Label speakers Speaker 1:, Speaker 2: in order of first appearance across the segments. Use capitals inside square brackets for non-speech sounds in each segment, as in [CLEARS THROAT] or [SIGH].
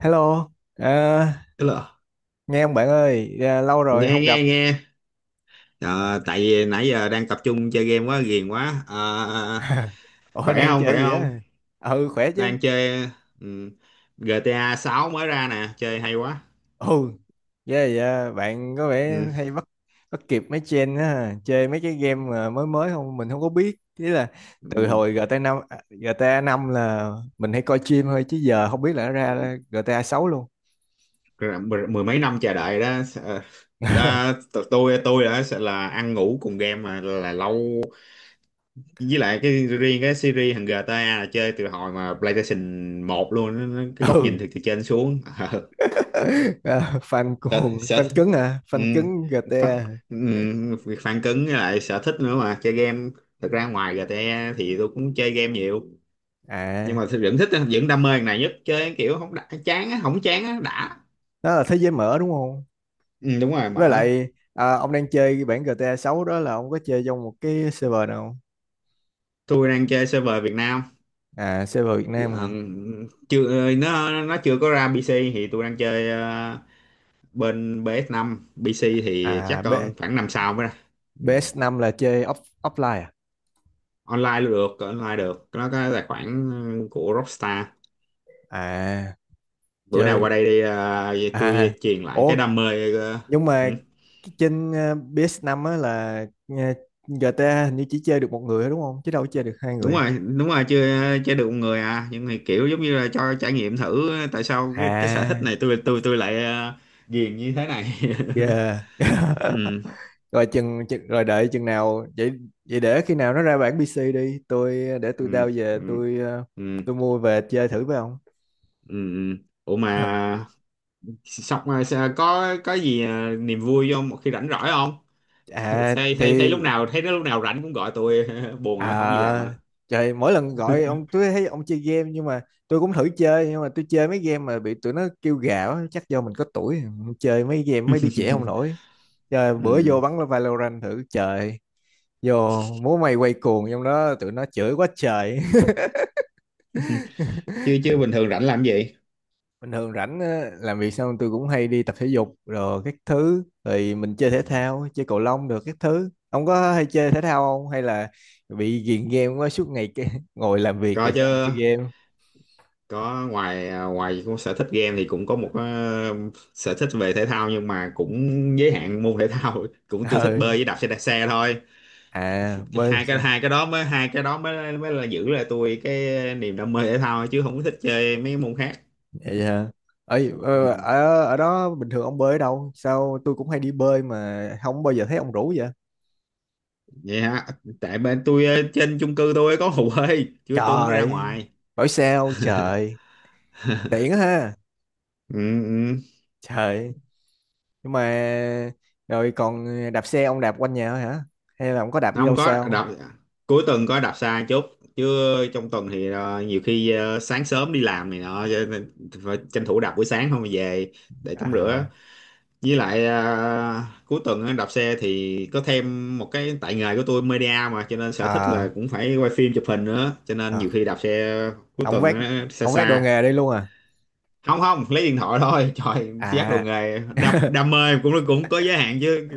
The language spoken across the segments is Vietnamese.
Speaker 1: Hello, à,
Speaker 2: Tức là
Speaker 1: nghe không bạn ơi, à, lâu rồi
Speaker 2: nghe
Speaker 1: không
Speaker 2: nghe
Speaker 1: gặp.
Speaker 2: nghe. Ờ, tại vì nãy giờ đang tập trung chơi game quá ghiền quá. Ờ,
Speaker 1: [LAUGHS] Ủa
Speaker 2: Khỏe
Speaker 1: đang
Speaker 2: không,
Speaker 1: chơi
Speaker 2: khỏe
Speaker 1: gì
Speaker 2: không?
Speaker 1: á? Ừ khỏe chứ.
Speaker 2: Đang chơi. ừ, GTA 6 mới ra nè, chơi hay quá.
Speaker 1: Ừ, yeah, yeah, bạn có vẻ
Speaker 2: ừ,
Speaker 1: hay bắt bắt kịp mấy trend á, chơi mấy cái game mà mới mới không mình không có biết. Ý là từ
Speaker 2: ừ,
Speaker 1: hồi GTA năm, à, GTA năm là mình hay coi stream thôi chứ giờ không biết là nó
Speaker 2: ừ.
Speaker 1: ra GTA sáu luôn.
Speaker 2: Rồi mười mấy năm chờ đợi đó. Ờ, ta,
Speaker 1: [LAUGHS]
Speaker 2: t- tôi đã sợ là ăn ngủ cùng game mà là lâu, với lại cái riêng cái series thằng GTA là chơi từ hồi mà PlayStation một luôn. Cái góc nhìn
Speaker 1: Ừ.
Speaker 2: từ từ trên xuống. [LAUGHS]
Speaker 1: À, fan
Speaker 2: Ờ,
Speaker 1: cuồng,
Speaker 2: sở,
Speaker 1: fan
Speaker 2: sở,
Speaker 1: cứng à,
Speaker 2: ừ,
Speaker 1: fan cứng
Speaker 2: phản,
Speaker 1: GTA.
Speaker 2: ừ, việc phản cứng với lại sở thích nữa mà chơi game. Thật ra ngoài GTA thì tôi cũng chơi game nhiều, nhưng
Speaker 1: À,
Speaker 2: mà tôi vẫn thích, vẫn đam mê cái này nhất. Chơi kiểu không đã, chán á, không chán á đã.
Speaker 1: đó là thế giới mở đúng không?
Speaker 2: Ừ, Đúng rồi,
Speaker 1: Với
Speaker 2: mở.
Speaker 1: lại à, ông đang chơi cái bản GTA 6 đó là ông có chơi trong một cái server nào không?
Speaker 2: Tôi đang chơi server Việt Nam.
Speaker 1: À, server Việt Nam
Speaker 2: Ờ,
Speaker 1: hả?
Speaker 2: Chưa, nó chưa có ra PC, thì tôi đang chơi bên PS5. PC thì chắc
Speaker 1: À B,
Speaker 2: còn khoảng năm sau mới ra. Ừ.
Speaker 1: ps năm là chơi off, offline à?
Speaker 2: Online luôn, được online được, nó có tài khoản của Rockstar.
Speaker 1: À
Speaker 2: Bữa nào
Speaker 1: chơi,
Speaker 2: qua đây đi à, vậy
Speaker 1: à
Speaker 2: tôi truyền lại cái
Speaker 1: ủa,
Speaker 2: đam mê
Speaker 1: nhưng mà
Speaker 2: ừ,
Speaker 1: cái trên PS5 á là GTA hình như chỉ chơi được một người thôi đúng không, chứ đâu có chơi được hai
Speaker 2: đúng
Speaker 1: người?
Speaker 2: rồi, đúng rồi. Chưa, chưa được một người à, nhưng mà kiểu giống như là cho trải nghiệm thử tại sao cái sở
Speaker 1: À,
Speaker 2: thích này tôi lại uh, ghiền như thế này.
Speaker 1: yeah.
Speaker 2: [LAUGHS]
Speaker 1: [LAUGHS]
Speaker 2: Ừ,
Speaker 1: Rồi chừng rồi đợi chừng nào vậy, vậy để khi nào nó ra bản PC đi tôi, để tôi
Speaker 2: ừ,
Speaker 1: đao về
Speaker 2: ừ,
Speaker 1: tôi
Speaker 2: ừ,
Speaker 1: tôi mua về chơi thử với ông.
Speaker 2: ừ. Ừ. Ủa
Speaker 1: Ờ.
Speaker 2: mà có gì à, niềm vui không, một khi rảnh rỗi không? [LAUGHS]
Speaker 1: À
Speaker 2: Thấy
Speaker 1: thì,
Speaker 2: thấy thấy lúc nào, thấy nó lúc nào rảnh cũng gọi tôi. [LAUGHS] Buồn hả, không gì làm
Speaker 1: à
Speaker 2: à?
Speaker 1: trời, mỗi lần gọi ông tôi thấy ông chơi game, nhưng mà tôi cũng thử chơi, nhưng mà tôi chơi mấy game mà bị tụi nó kêu gào á, chắc do mình có tuổi chơi mấy game mấy đứa trẻ không
Speaker 2: [LAUGHS]
Speaker 1: nổi. Trời, bữa
Speaker 2: Ừ.
Speaker 1: vô bắn Valorant thử, trời, vô múa may quay cuồng trong đó tụi nó chửi quá trời.
Speaker 2: Chưa, chứ bình thường rảnh làm gì?
Speaker 1: Bình thường rảnh á, làm việc xong tôi cũng hay đi tập thể dục rồi các thứ, thì mình chơi thể thao, chơi cầu lông được các thứ, ông có hay chơi thể thao không hay là bị ghiền game quá suốt ngày cái [LAUGHS] ngồi làm việc
Speaker 2: Có
Speaker 1: rồi
Speaker 2: chứ,
Speaker 1: xong rồi chơi game?
Speaker 2: có ngoài à, ngoài cũng sở thích game thì cũng có một sở thích về thể thao nhưng mà cũng giới hạn môn thể thao. [LAUGHS] Cũng
Speaker 1: [LAUGHS]
Speaker 2: tôi thích
Speaker 1: Ờ,
Speaker 2: bơi với đạp xe, đạp xe thôi.
Speaker 1: à bơi được
Speaker 2: Hai
Speaker 1: sao?
Speaker 2: cái, hai cái đó mới, hai cái đó mới mới là giữ lại tôi cái niềm đam mê thể thao chứ không có thích chơi mấy môn khác.
Speaker 1: Vậy hả? Ấy
Speaker 2: Ừ.
Speaker 1: ở ở đó bình thường ông bơi ở đâu, sao tôi cũng hay đi bơi mà không bao giờ thấy ông rủ vậy?
Speaker 2: Vậy hả, tại bên tôi trên chung cư tôi có hồ bơi chứ tôi không có ra
Speaker 1: Trời,
Speaker 2: ngoài.
Speaker 1: hỏi sao
Speaker 2: [LAUGHS]
Speaker 1: trời, tiện ha.
Speaker 2: Ừ, ừ.
Speaker 1: Trời, nhưng mà, rồi còn đạp xe ông đạp quanh nhà thôi hả, hay là ông có đạp đi
Speaker 2: Không
Speaker 1: đâu xa
Speaker 2: có
Speaker 1: không?
Speaker 2: đạp, cuối tuần có đạp xa chút chứ trong tuần thì nhiều khi sáng sớm đi làm này nọ, cho nên phải tranh thủ đạp buổi sáng, không về để tắm rửa.
Speaker 1: À,
Speaker 2: Với lại cuối tuần á, đạp xe thì có thêm một cái, tại nghề của tôi media mà, cho nên sở thích là
Speaker 1: à,
Speaker 2: cũng phải quay phim chụp hình nữa, cho nên nhiều
Speaker 1: à.
Speaker 2: khi đạp xe cuối
Speaker 1: Ông
Speaker 2: tuần
Speaker 1: vét,
Speaker 2: á, xa
Speaker 1: ông vét đồ
Speaker 2: xa.
Speaker 1: nghề đi luôn à?
Speaker 2: Không không, lấy điện thoại thôi. [LAUGHS] Trời giác đồ
Speaker 1: À.
Speaker 2: nghề, đam,
Speaker 1: [LAUGHS]
Speaker 2: đam mê cũng cũng có giới hạn chứ.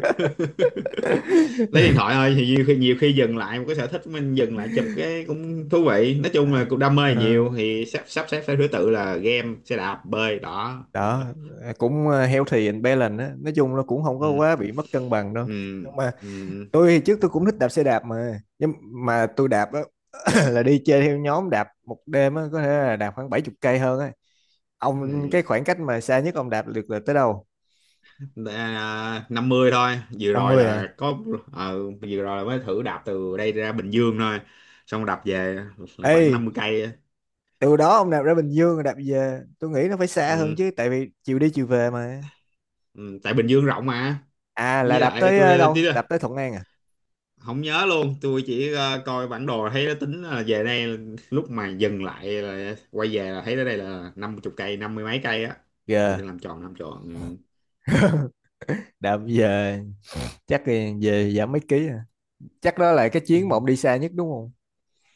Speaker 2: Lấy điện thoại thôi, thì nhiều khi, nhiều khi dừng lại một cái, sở thích của mình dừng lại chụp cái cũng thú vị. Nói chung là
Speaker 1: À,
Speaker 2: cũng đam mê
Speaker 1: ờ,
Speaker 2: nhiều thì sắp sắp xếp theo thứ tự là game, xe đạp, bơi đó. [LAUGHS]
Speaker 1: đó cũng healthy and balanced á, nói chung nó cũng không có
Speaker 2: Ừ.
Speaker 1: quá bị mất cân bằng đâu.
Speaker 2: Ừ.
Speaker 1: Nhưng mà
Speaker 2: Ừ.
Speaker 1: tôi thì trước tôi cũng thích đạp xe đạp mà, nhưng mà tôi đạp á [COUGHS] [CLEARS THROAT] là đi chơi theo nhóm, đạp một đêm á có thể là đạp khoảng bảy chục cây hơn á. Ông
Speaker 2: Ừ.
Speaker 1: cái khoảng cách mà xa nhất ông đạp được là tới đâu?
Speaker 2: À, 50 thôi, vừa
Speaker 1: Năm
Speaker 2: rồi
Speaker 1: mươi à?
Speaker 2: là có vừa rồi là mới thử đạp từ đây ra Bình Dương thôi, xong đạp về là
Speaker 1: Ê,
Speaker 2: khoảng 50 cây á.
Speaker 1: từ đó ông đạp ra Bình Dương rồi đạp về tôi nghĩ nó phải xa hơn
Speaker 2: Ừ.
Speaker 1: chứ, tại vì chiều đi chiều về mà.
Speaker 2: Ừ. Tại Bình Dương rộng mà.
Speaker 1: À là
Speaker 2: Với
Speaker 1: đạp
Speaker 2: lại
Speaker 1: tới
Speaker 2: tôi đây
Speaker 1: đâu, đạp tới Thuận An à?
Speaker 2: không nhớ luôn, tôi chỉ coi bản đồ thấy nó tính là về đây, lúc mà dừng lại là quay về là thấy tới đây là 50 cây, 50 mấy cây á, thì
Speaker 1: Gờ,
Speaker 2: tôi làm tròn ừ.
Speaker 1: đạp về chắc thì về giảm mấy ký à? Chắc đó là cái
Speaker 2: Ừ.
Speaker 1: chuyến mà ông đi xa nhất đúng không?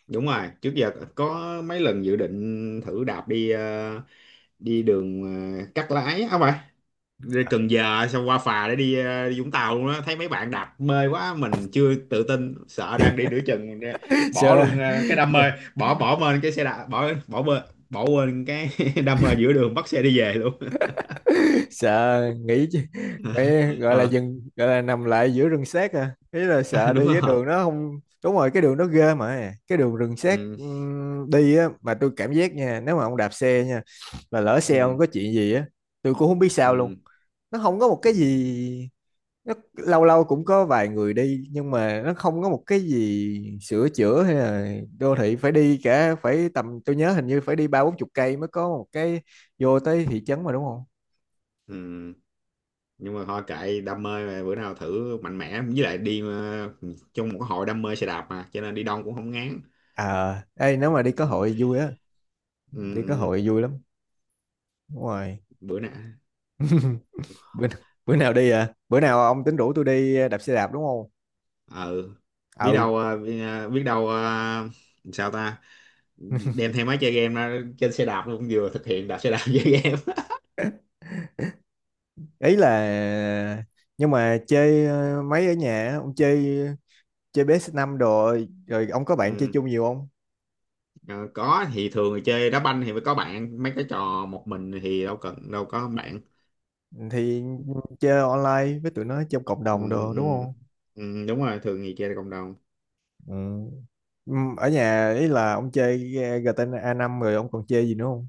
Speaker 2: Đúng rồi, trước giờ có mấy lần dự định thử đạp đi đi đường cắt lái á, không phải, đi Cần Giờ xong qua phà để đi, đi Vũng Tàu luôn á. Thấy mấy bạn đạp mê quá, mình chưa tự tin, sợ đang đi nửa chừng
Speaker 1: [LAUGHS]
Speaker 2: bỏ
Speaker 1: Sure.
Speaker 2: luôn cái đam mê, bỏ bỏ bên cái xe đạp, bỏ bỏ bên, bỏ quên cái [LAUGHS] đam mê giữa đường, bắt xe đi về luôn.
Speaker 1: Sợ, nghĩ chứ, phải gọi là
Speaker 2: Ờ,
Speaker 1: dừng, gọi là nằm lại giữa rừng xét à. Ý là sợ
Speaker 2: [LAUGHS] đúng
Speaker 1: đi cái
Speaker 2: rồi.
Speaker 1: đường nó không đúng rồi, cái đường nó ghê, mà cái đường rừng xét
Speaker 2: Ừ,
Speaker 1: đi á, mà tôi cảm giác nha, nếu mà ông đạp xe nha mà lỡ xe ông
Speaker 2: ừ,
Speaker 1: có chuyện gì á, tôi cũng không biết sao luôn.
Speaker 2: ừ,
Speaker 1: Nó không có một cái
Speaker 2: ừ,
Speaker 1: gì, nó lâu lâu cũng có vài người đi nhưng mà nó không có một cái gì sửa chữa hay là đô thị, phải đi cả, phải tầm tôi nhớ hình như phải đi ba bốn chục cây mới có một cái, vô tới thị trấn mà đúng không?
Speaker 2: ừ. Nhưng mà thôi kệ đam mê mà, bữa nào thử mạnh mẽ, với lại đi trong một cái hội đam mê xe đạp mà cho nên đi đông cũng không ngán.
Speaker 1: À ê, nếu mà đi có
Speaker 2: Ừ,
Speaker 1: hội vui á,
Speaker 2: ừ,
Speaker 1: đi có
Speaker 2: ừ,
Speaker 1: hội vui lắm, đúng rồi.
Speaker 2: bữa nào
Speaker 1: [LAUGHS] bữa, bữa nào đi, à bữa nào ông tính rủ tôi đi đạp xe đạp đúng không?
Speaker 2: ừ. Biết
Speaker 1: Ừ.
Speaker 2: đâu biết đâu sao ta,
Speaker 1: [LAUGHS]
Speaker 2: đem theo máy chơi game ra trên xe đạp luôn, vừa thực hiện đạp xe đạp chơi game.
Speaker 1: Ý là, nhưng mà chơi mấy ở nhà á, ông chơi, chơi ps năm đồ, rồi rồi ông có
Speaker 2: [LAUGHS]
Speaker 1: bạn chơi
Speaker 2: Ừ.
Speaker 1: chung nhiều không?
Speaker 2: ờ, có thì, thường thì chơi đá banh thì phải có bạn, mấy cái trò một mình thì đâu cần, đâu có bạn.
Speaker 1: Thì chơi online với tụi nó trong cộng đồng
Speaker 2: Ừ,
Speaker 1: đồ đúng
Speaker 2: ừ,
Speaker 1: không?
Speaker 2: ừ, đúng rồi, thường thì chơi cộng đồng.
Speaker 1: Ừ. Ở nhà ý là ông chơi giê tê A 5 rồi ông còn chơi gì nữa không?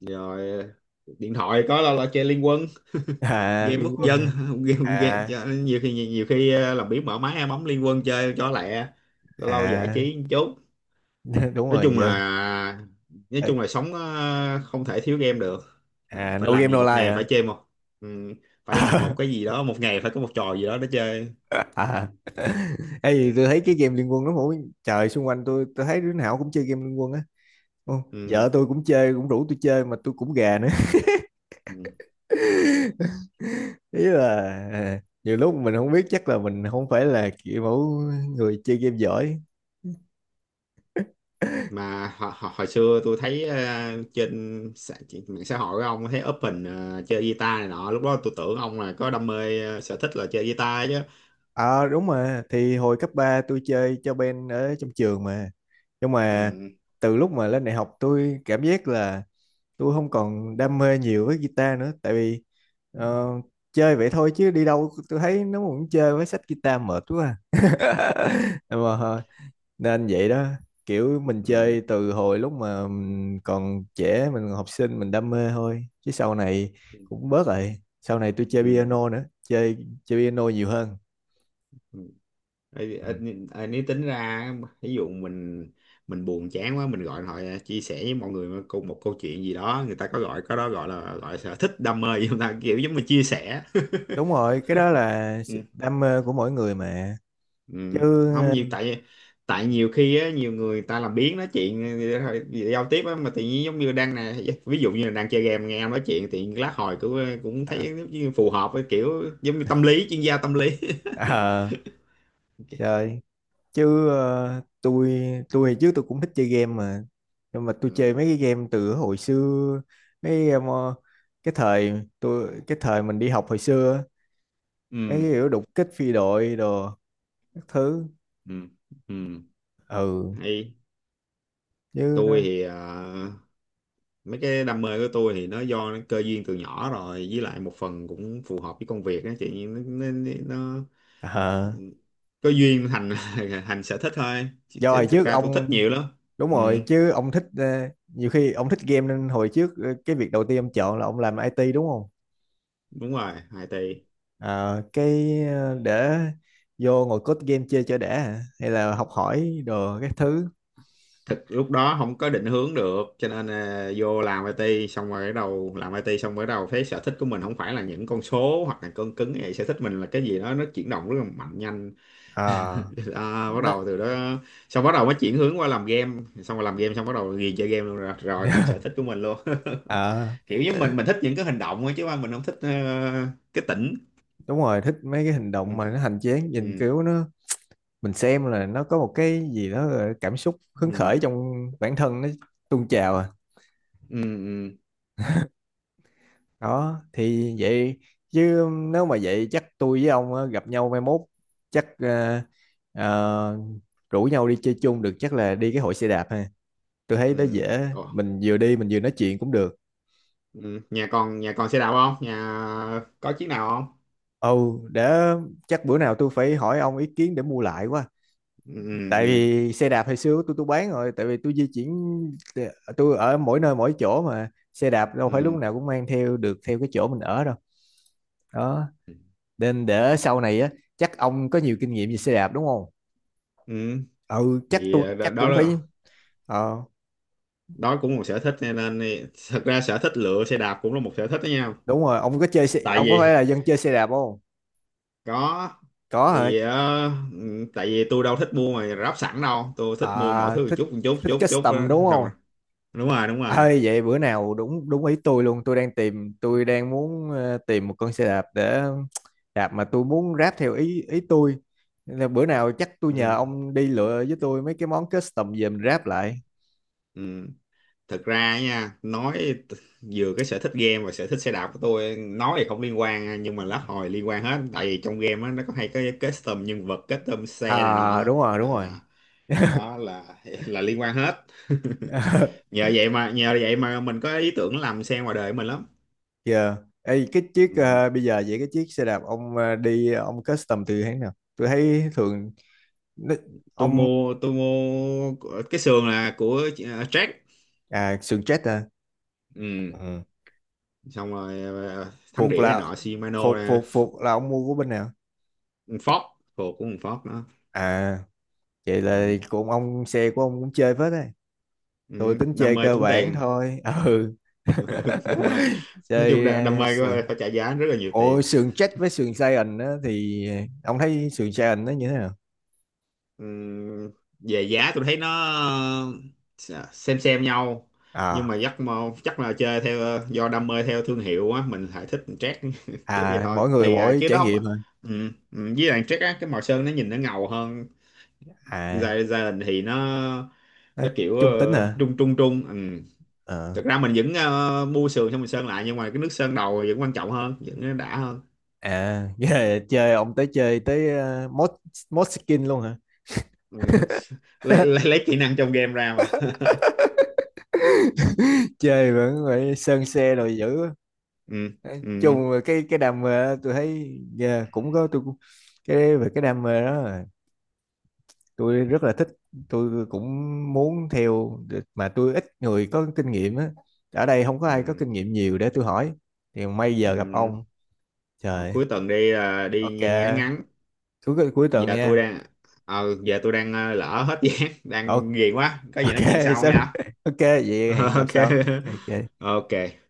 Speaker 2: Rồi điện thoại có đâu là chơi Liên Quân. [LAUGHS]
Speaker 1: À
Speaker 2: Game
Speaker 1: Liên
Speaker 2: quốc
Speaker 1: Quân
Speaker 2: dân.
Speaker 1: à?
Speaker 2: [LAUGHS] Game
Speaker 1: À,
Speaker 2: chơi- nhiều khi, khi làm biếng mở máy bấm Liên Quân chơi cho lẹ, lâu lâu giải
Speaker 1: à.
Speaker 2: trí một chút.
Speaker 1: [LAUGHS] Đúng
Speaker 2: Nói
Speaker 1: rồi
Speaker 2: chung
Speaker 1: giờ.
Speaker 2: là, nói
Speaker 1: Ê,
Speaker 2: chung là sống không thể thiếu game được.
Speaker 1: à
Speaker 2: Phải
Speaker 1: no
Speaker 2: làm
Speaker 1: game
Speaker 2: gì,
Speaker 1: no
Speaker 2: một
Speaker 1: life
Speaker 2: ngày
Speaker 1: hả?
Speaker 2: phải chơi một, ừ, phải làm một cái
Speaker 1: [LAUGHS]
Speaker 2: gì đó, một ngày phải có một trò gì đó để chơi.
Speaker 1: À. Ê, gì tôi thấy cái game Liên Quân nó mỗi trời, xung quanh tôi thấy đứa nào cũng chơi game Liên Quân á. Không,
Speaker 2: Ừ.
Speaker 1: vợ tôi cũng chơi, cũng rủ tôi chơi mà tôi cũng gà nữa.
Speaker 2: Ừ.
Speaker 1: [LAUGHS] Ý là, à, nhiều lúc mình không biết, chắc là mình không phải là kiểu mẫu người chơi game giỏi.
Speaker 2: Mà hồi xưa tôi thấy trên trên mạng xã hội của ông thấy up hình chơi guitar này nọ, lúc đó tôi tưởng ông là có đam mê sở thích là chơi guitar chứ.
Speaker 1: Ờ đúng, mà thì hồi cấp 3 tôi chơi cho band ở trong trường mà, nhưng mà
Speaker 2: Ừ.
Speaker 1: từ lúc mà lên đại học tôi cảm giác là tôi không còn đam mê nhiều với guitar nữa, tại vì
Speaker 2: Ừ.
Speaker 1: ờ, chơi vậy thôi chứ đi đâu tôi thấy nó cũng chơi với sách guitar mệt quá à.
Speaker 2: Ừ.
Speaker 1: [LAUGHS] Mà nên vậy đó, kiểu mình
Speaker 2: Ừ.
Speaker 1: chơi từ hồi lúc mà mình còn trẻ mình còn học sinh mình đam mê thôi, chứ sau này cũng bớt rồi. Sau này tôi chơi
Speaker 2: Ừ.
Speaker 1: piano nữa, chơi, chơi piano nhiều hơn.
Speaker 2: Ừ. Ê,
Speaker 1: Ừ.
Speaker 2: ê, ê, nếu tính ra, ví dụ mình buồn chán quá mình gọi hỏi chia sẻ với mọi người cùng một câu chuyện gì đó, người ta có gọi, có đó gọi là gọi sở thích đam mê [LAUGHS] gì không ta, kiểu giống như chia sẻ.
Speaker 1: Đúng rồi, cái đó là sự
Speaker 2: Ừ.
Speaker 1: đam mê của mỗi người mà, chứ
Speaker 2: Ừ. Không nhiều, tại, tại nhiều khi á, nhiều người ta làm biếng nói chuyện thôi, giao tiếp á, mà tự nhiên giống như đang nè, ví dụ như là đang chơi game nghe em nói chuyện thì lát hồi cũng cũng thấy
Speaker 1: ờ,
Speaker 2: giống như phù hợp với kiểu giống như tâm lý, chuyên gia tâm lý. [LAUGHS]
Speaker 1: ờ, trời, chứ tôi trước tôi cũng thích chơi game mà, nhưng mà tôi chơi
Speaker 2: Ừ,
Speaker 1: mấy cái game từ hồi xưa, mấy cái game, ờ, cái thời tôi, cái thời mình đi học hồi xưa á, mấy
Speaker 2: ừ,
Speaker 1: cái kiểu đục kích phi đội đồ các thứ.
Speaker 2: ừ, ừ.
Speaker 1: Ừ,
Speaker 2: Hay
Speaker 1: chứ
Speaker 2: tôi
Speaker 1: nó
Speaker 2: thì mấy cái đam mê của tôi thì nó do nó cơ duyên từ nhỏ rồi, với lại một phần cũng phù hợp với công việc á chị. Nó
Speaker 1: ờ,
Speaker 2: có duyên thành [LAUGHS] thành sở thích thôi, chứ,
Speaker 1: do hồi
Speaker 2: chứ thực
Speaker 1: trước
Speaker 2: ra tôi thích
Speaker 1: ông,
Speaker 2: nhiều lắm.
Speaker 1: đúng
Speaker 2: Ừ,
Speaker 1: rồi chứ ông thích nhiều khi ông thích game nên hồi trước cái việc đầu tiên ông chọn là ông làm IT đúng không?
Speaker 2: đúng rồi, IT.
Speaker 1: Ờ, cái để vô ngồi code game chơi cho đã hả, hay là học hỏi đồ các thứ?
Speaker 2: Thực lúc đó không có định hướng được, cho nên à, vô làm IT xong rồi bắt đầu, làm IT xong rồi bắt đầu thấy sở thích của mình không phải là những con số hoặc là cân cứng, vậy sở thích mình là cái gì đó nó chuyển động rất là mạnh, nhanh.
Speaker 1: Ờ,
Speaker 2: [LAUGHS] À, bắt
Speaker 1: nó,
Speaker 2: đầu từ đó, xong bắt đầu mới chuyển hướng qua làm game, xong rồi làm game xong bắt đầu ghiền chơi game luôn rồi, rồi thành sở
Speaker 1: [LAUGHS]
Speaker 2: thích của mình luôn.
Speaker 1: Ờ,
Speaker 2: [LAUGHS] Kiểu như mình thích những cái hành động ấy, chứ mà mình không thích cái tỉnh.
Speaker 1: đúng rồi, thích mấy cái hành động
Speaker 2: Ừ.
Speaker 1: mà nó hành chiến
Speaker 2: Ừ.
Speaker 1: nhìn kiểu nó, mình xem là nó có một cái gì đó là cảm xúc hứng
Speaker 2: Ừ.
Speaker 1: khởi trong bản thân nó tuôn trào à.
Speaker 2: Ừ. Ừ.
Speaker 1: Đó thì vậy, chứ nếu mà vậy chắc tôi với ông á, gặp nhau mai mốt chắc ờ, rủ nhau đi chơi chung được, chắc là đi cái hội xe đạp ha, tôi thấy nó
Speaker 2: Ừ.
Speaker 1: dễ,
Speaker 2: Ồ.
Speaker 1: mình vừa đi mình vừa nói chuyện cũng được.
Speaker 2: Ừ. Nhà còn, nhà còn xe đạp không, nhà có chiếc nào không?
Speaker 1: Ồ để, chắc bữa nào tôi phải hỏi ông ý kiến để mua lại quá,
Speaker 2: Ừ.
Speaker 1: tại
Speaker 2: Ừ.
Speaker 1: vì xe đạp hồi xưa tôi bán rồi, tại vì tôi di chuyển, tôi ở mỗi nơi mỗi chỗ mà xe đạp đâu phải lúc
Speaker 2: Ừ.
Speaker 1: nào cũng mang theo được theo cái chỗ mình ở đâu. Đó,
Speaker 2: Ừ.
Speaker 1: nên để sau này á chắc ông có nhiều kinh nghiệm về xe đạp đúng không?
Speaker 2: Ừ.
Speaker 1: Ừ chắc
Speaker 2: Thì
Speaker 1: tôi,
Speaker 2: đó
Speaker 1: chắc
Speaker 2: đó
Speaker 1: cũng phải.
Speaker 2: là,
Speaker 1: Ờ,
Speaker 2: đó cũng một sở thích cho nên thì- thật ra sở thích lựa xe đạp cũng là một sở thích đó nha.
Speaker 1: đúng rồi ông có chơi xe,
Speaker 2: Tại
Speaker 1: ông có
Speaker 2: vì
Speaker 1: phải là dân chơi xe đạp không?
Speaker 2: có
Speaker 1: Có hả?
Speaker 2: thì ừ, tại vì tôi đâu thích mua mà ráp sẵn đâu, tôi thích mua mọi
Speaker 1: À
Speaker 2: thứ một
Speaker 1: thích,
Speaker 2: chút, một chút,
Speaker 1: thích
Speaker 2: chút chút
Speaker 1: custom
Speaker 2: đó,
Speaker 1: đúng
Speaker 2: xong rồi.
Speaker 1: không?
Speaker 2: Đúng rồi, đúng rồi.
Speaker 1: Ơi, vậy bữa nào đúng đúng ý tôi luôn, tôi đang tìm, tôi đang muốn tìm một con xe đạp để đạp mà tôi muốn ráp theo ý ý tôi. Nên là bữa nào chắc tôi nhờ
Speaker 2: Ừ.
Speaker 1: ông đi lựa với tôi mấy cái món custom về mình ráp lại.
Speaker 2: Ừ. Thực ra nha nói, t- vừa cái sở thích game và sở thích xe đạp của tôi nói thì không liên quan nha, nhưng mà lát hồi liên quan hết, tại vì trong game á nó có hay cái custom nhân vật, custom xe này
Speaker 1: À
Speaker 2: nọ.
Speaker 1: đúng rồi
Speaker 2: À,
Speaker 1: đúng rồi.
Speaker 2: đó là [LAUGHS] là liên quan hết. [LAUGHS]
Speaker 1: [LAUGHS]
Speaker 2: Nhờ vậy mà, nhờ vậy mà mình có ý tưởng làm xe ngoài đời của mình lắm.
Speaker 1: Giờ ê, cái chiếc
Speaker 2: Ừ.
Speaker 1: bây giờ vậy cái chiếc xe đạp ông đi, ông custom từ hãng nào, tôi thấy thường nó,
Speaker 2: tôi
Speaker 1: ông,
Speaker 2: mua tôi mua của- cái sườn là của Jack.
Speaker 1: à sườn chết à?
Speaker 2: Ừ.
Speaker 1: Ừ.
Speaker 2: Xong rồi thắng
Speaker 1: Phục
Speaker 2: đĩa này
Speaker 1: là,
Speaker 2: nọ Shimano
Speaker 1: phục
Speaker 2: nè.
Speaker 1: phục
Speaker 2: F-
Speaker 1: phục là ông mua của bên nào?
Speaker 2: Ford, thuộc của con Ford đó.
Speaker 1: À, vậy là
Speaker 2: Ừ.
Speaker 1: cũng ông xe của ông cũng chơi phết đấy. Tôi
Speaker 2: Ừ.
Speaker 1: tính
Speaker 2: Đam
Speaker 1: chơi
Speaker 2: mê
Speaker 1: cơ
Speaker 2: tốn
Speaker 1: bản
Speaker 2: tiền.
Speaker 1: thôi, ừ.
Speaker 2: [LAUGHS] Ừ,
Speaker 1: [LAUGHS]
Speaker 2: đam mê nói chung,
Speaker 1: Chơi
Speaker 2: đam mê
Speaker 1: sườn,
Speaker 2: phải trả giá rất là nhiều tiền.
Speaker 1: ôi sườn chết với sườn Saiyan á thì ông thấy sườn Saiyan nó như thế nào?
Speaker 2: Ừ. Về giá tôi thấy nó ờ, xem nhau, nhưng
Speaker 1: À,
Speaker 2: mà chắc là chơi theo do đam mê theo thương hiệu á, mình lại thích Jack. [LAUGHS] Kiểu vậy
Speaker 1: à
Speaker 2: thôi,
Speaker 1: mỗi người
Speaker 2: tùy à
Speaker 1: mỗi
Speaker 2: chứ
Speaker 1: trải
Speaker 2: đó không.
Speaker 1: nghiệm hả.
Speaker 2: Ừ. Ừ, với lại Jack á cái màu sơn nó nhìn nó ngầu hơn.
Speaker 1: À
Speaker 2: Gia- gia đình thì nó
Speaker 1: nó
Speaker 2: nó kiểu
Speaker 1: trung tính hả?
Speaker 2: trung trung trung ừ.
Speaker 1: Ờ.
Speaker 2: Thực ra mình vẫn mua sườn xong mình sơn lại, nhưng mà cái nước sơn đầu vẫn quan trọng hơn, vẫn đã hơn.
Speaker 1: À [LAUGHS] nghĩa là chơi ông tới, chơi tới mod, mod skin luôn hả?
Speaker 2: Ừ. lấy kỹ năng trong game ra mà. [LAUGHS]
Speaker 1: [LAUGHS] Chơi vẫn phải sơn xe rồi, dữ.
Speaker 2: Ừ.
Speaker 1: Đấy,
Speaker 2: Ừ.
Speaker 1: chung về cái đam mê đó, tôi thấy yeah, cũng có, tôi cũng, cái về cái đam mê đó là tôi rất là thích, tôi cũng muốn theo để, mà tôi ít người có kinh nghiệm á, ở đây không có ai có
Speaker 2: Ừ.
Speaker 1: kinh nghiệm nhiều để tôi hỏi, thì may giờ gặp
Speaker 2: Ừ.
Speaker 1: ông.
Speaker 2: Mà
Speaker 1: Trời.
Speaker 2: cuối tuần đi là đi
Speaker 1: Ok.
Speaker 2: ngắn ngắn.
Speaker 1: Cuối cuối tuần
Speaker 2: Giờ tôi
Speaker 1: nha.
Speaker 2: đang, lỡ hết [LAUGHS] giá
Speaker 1: Ok,
Speaker 2: đang ghiền quá, có gì
Speaker 1: ok.
Speaker 2: nói chuyện
Speaker 1: [LAUGHS]
Speaker 2: sau
Speaker 1: Sorry.
Speaker 2: nha.
Speaker 1: Ok vậy hẹn
Speaker 2: [LAUGHS]
Speaker 1: gặp
Speaker 2: OK,
Speaker 1: sau. Ok, ok.
Speaker 2: OK.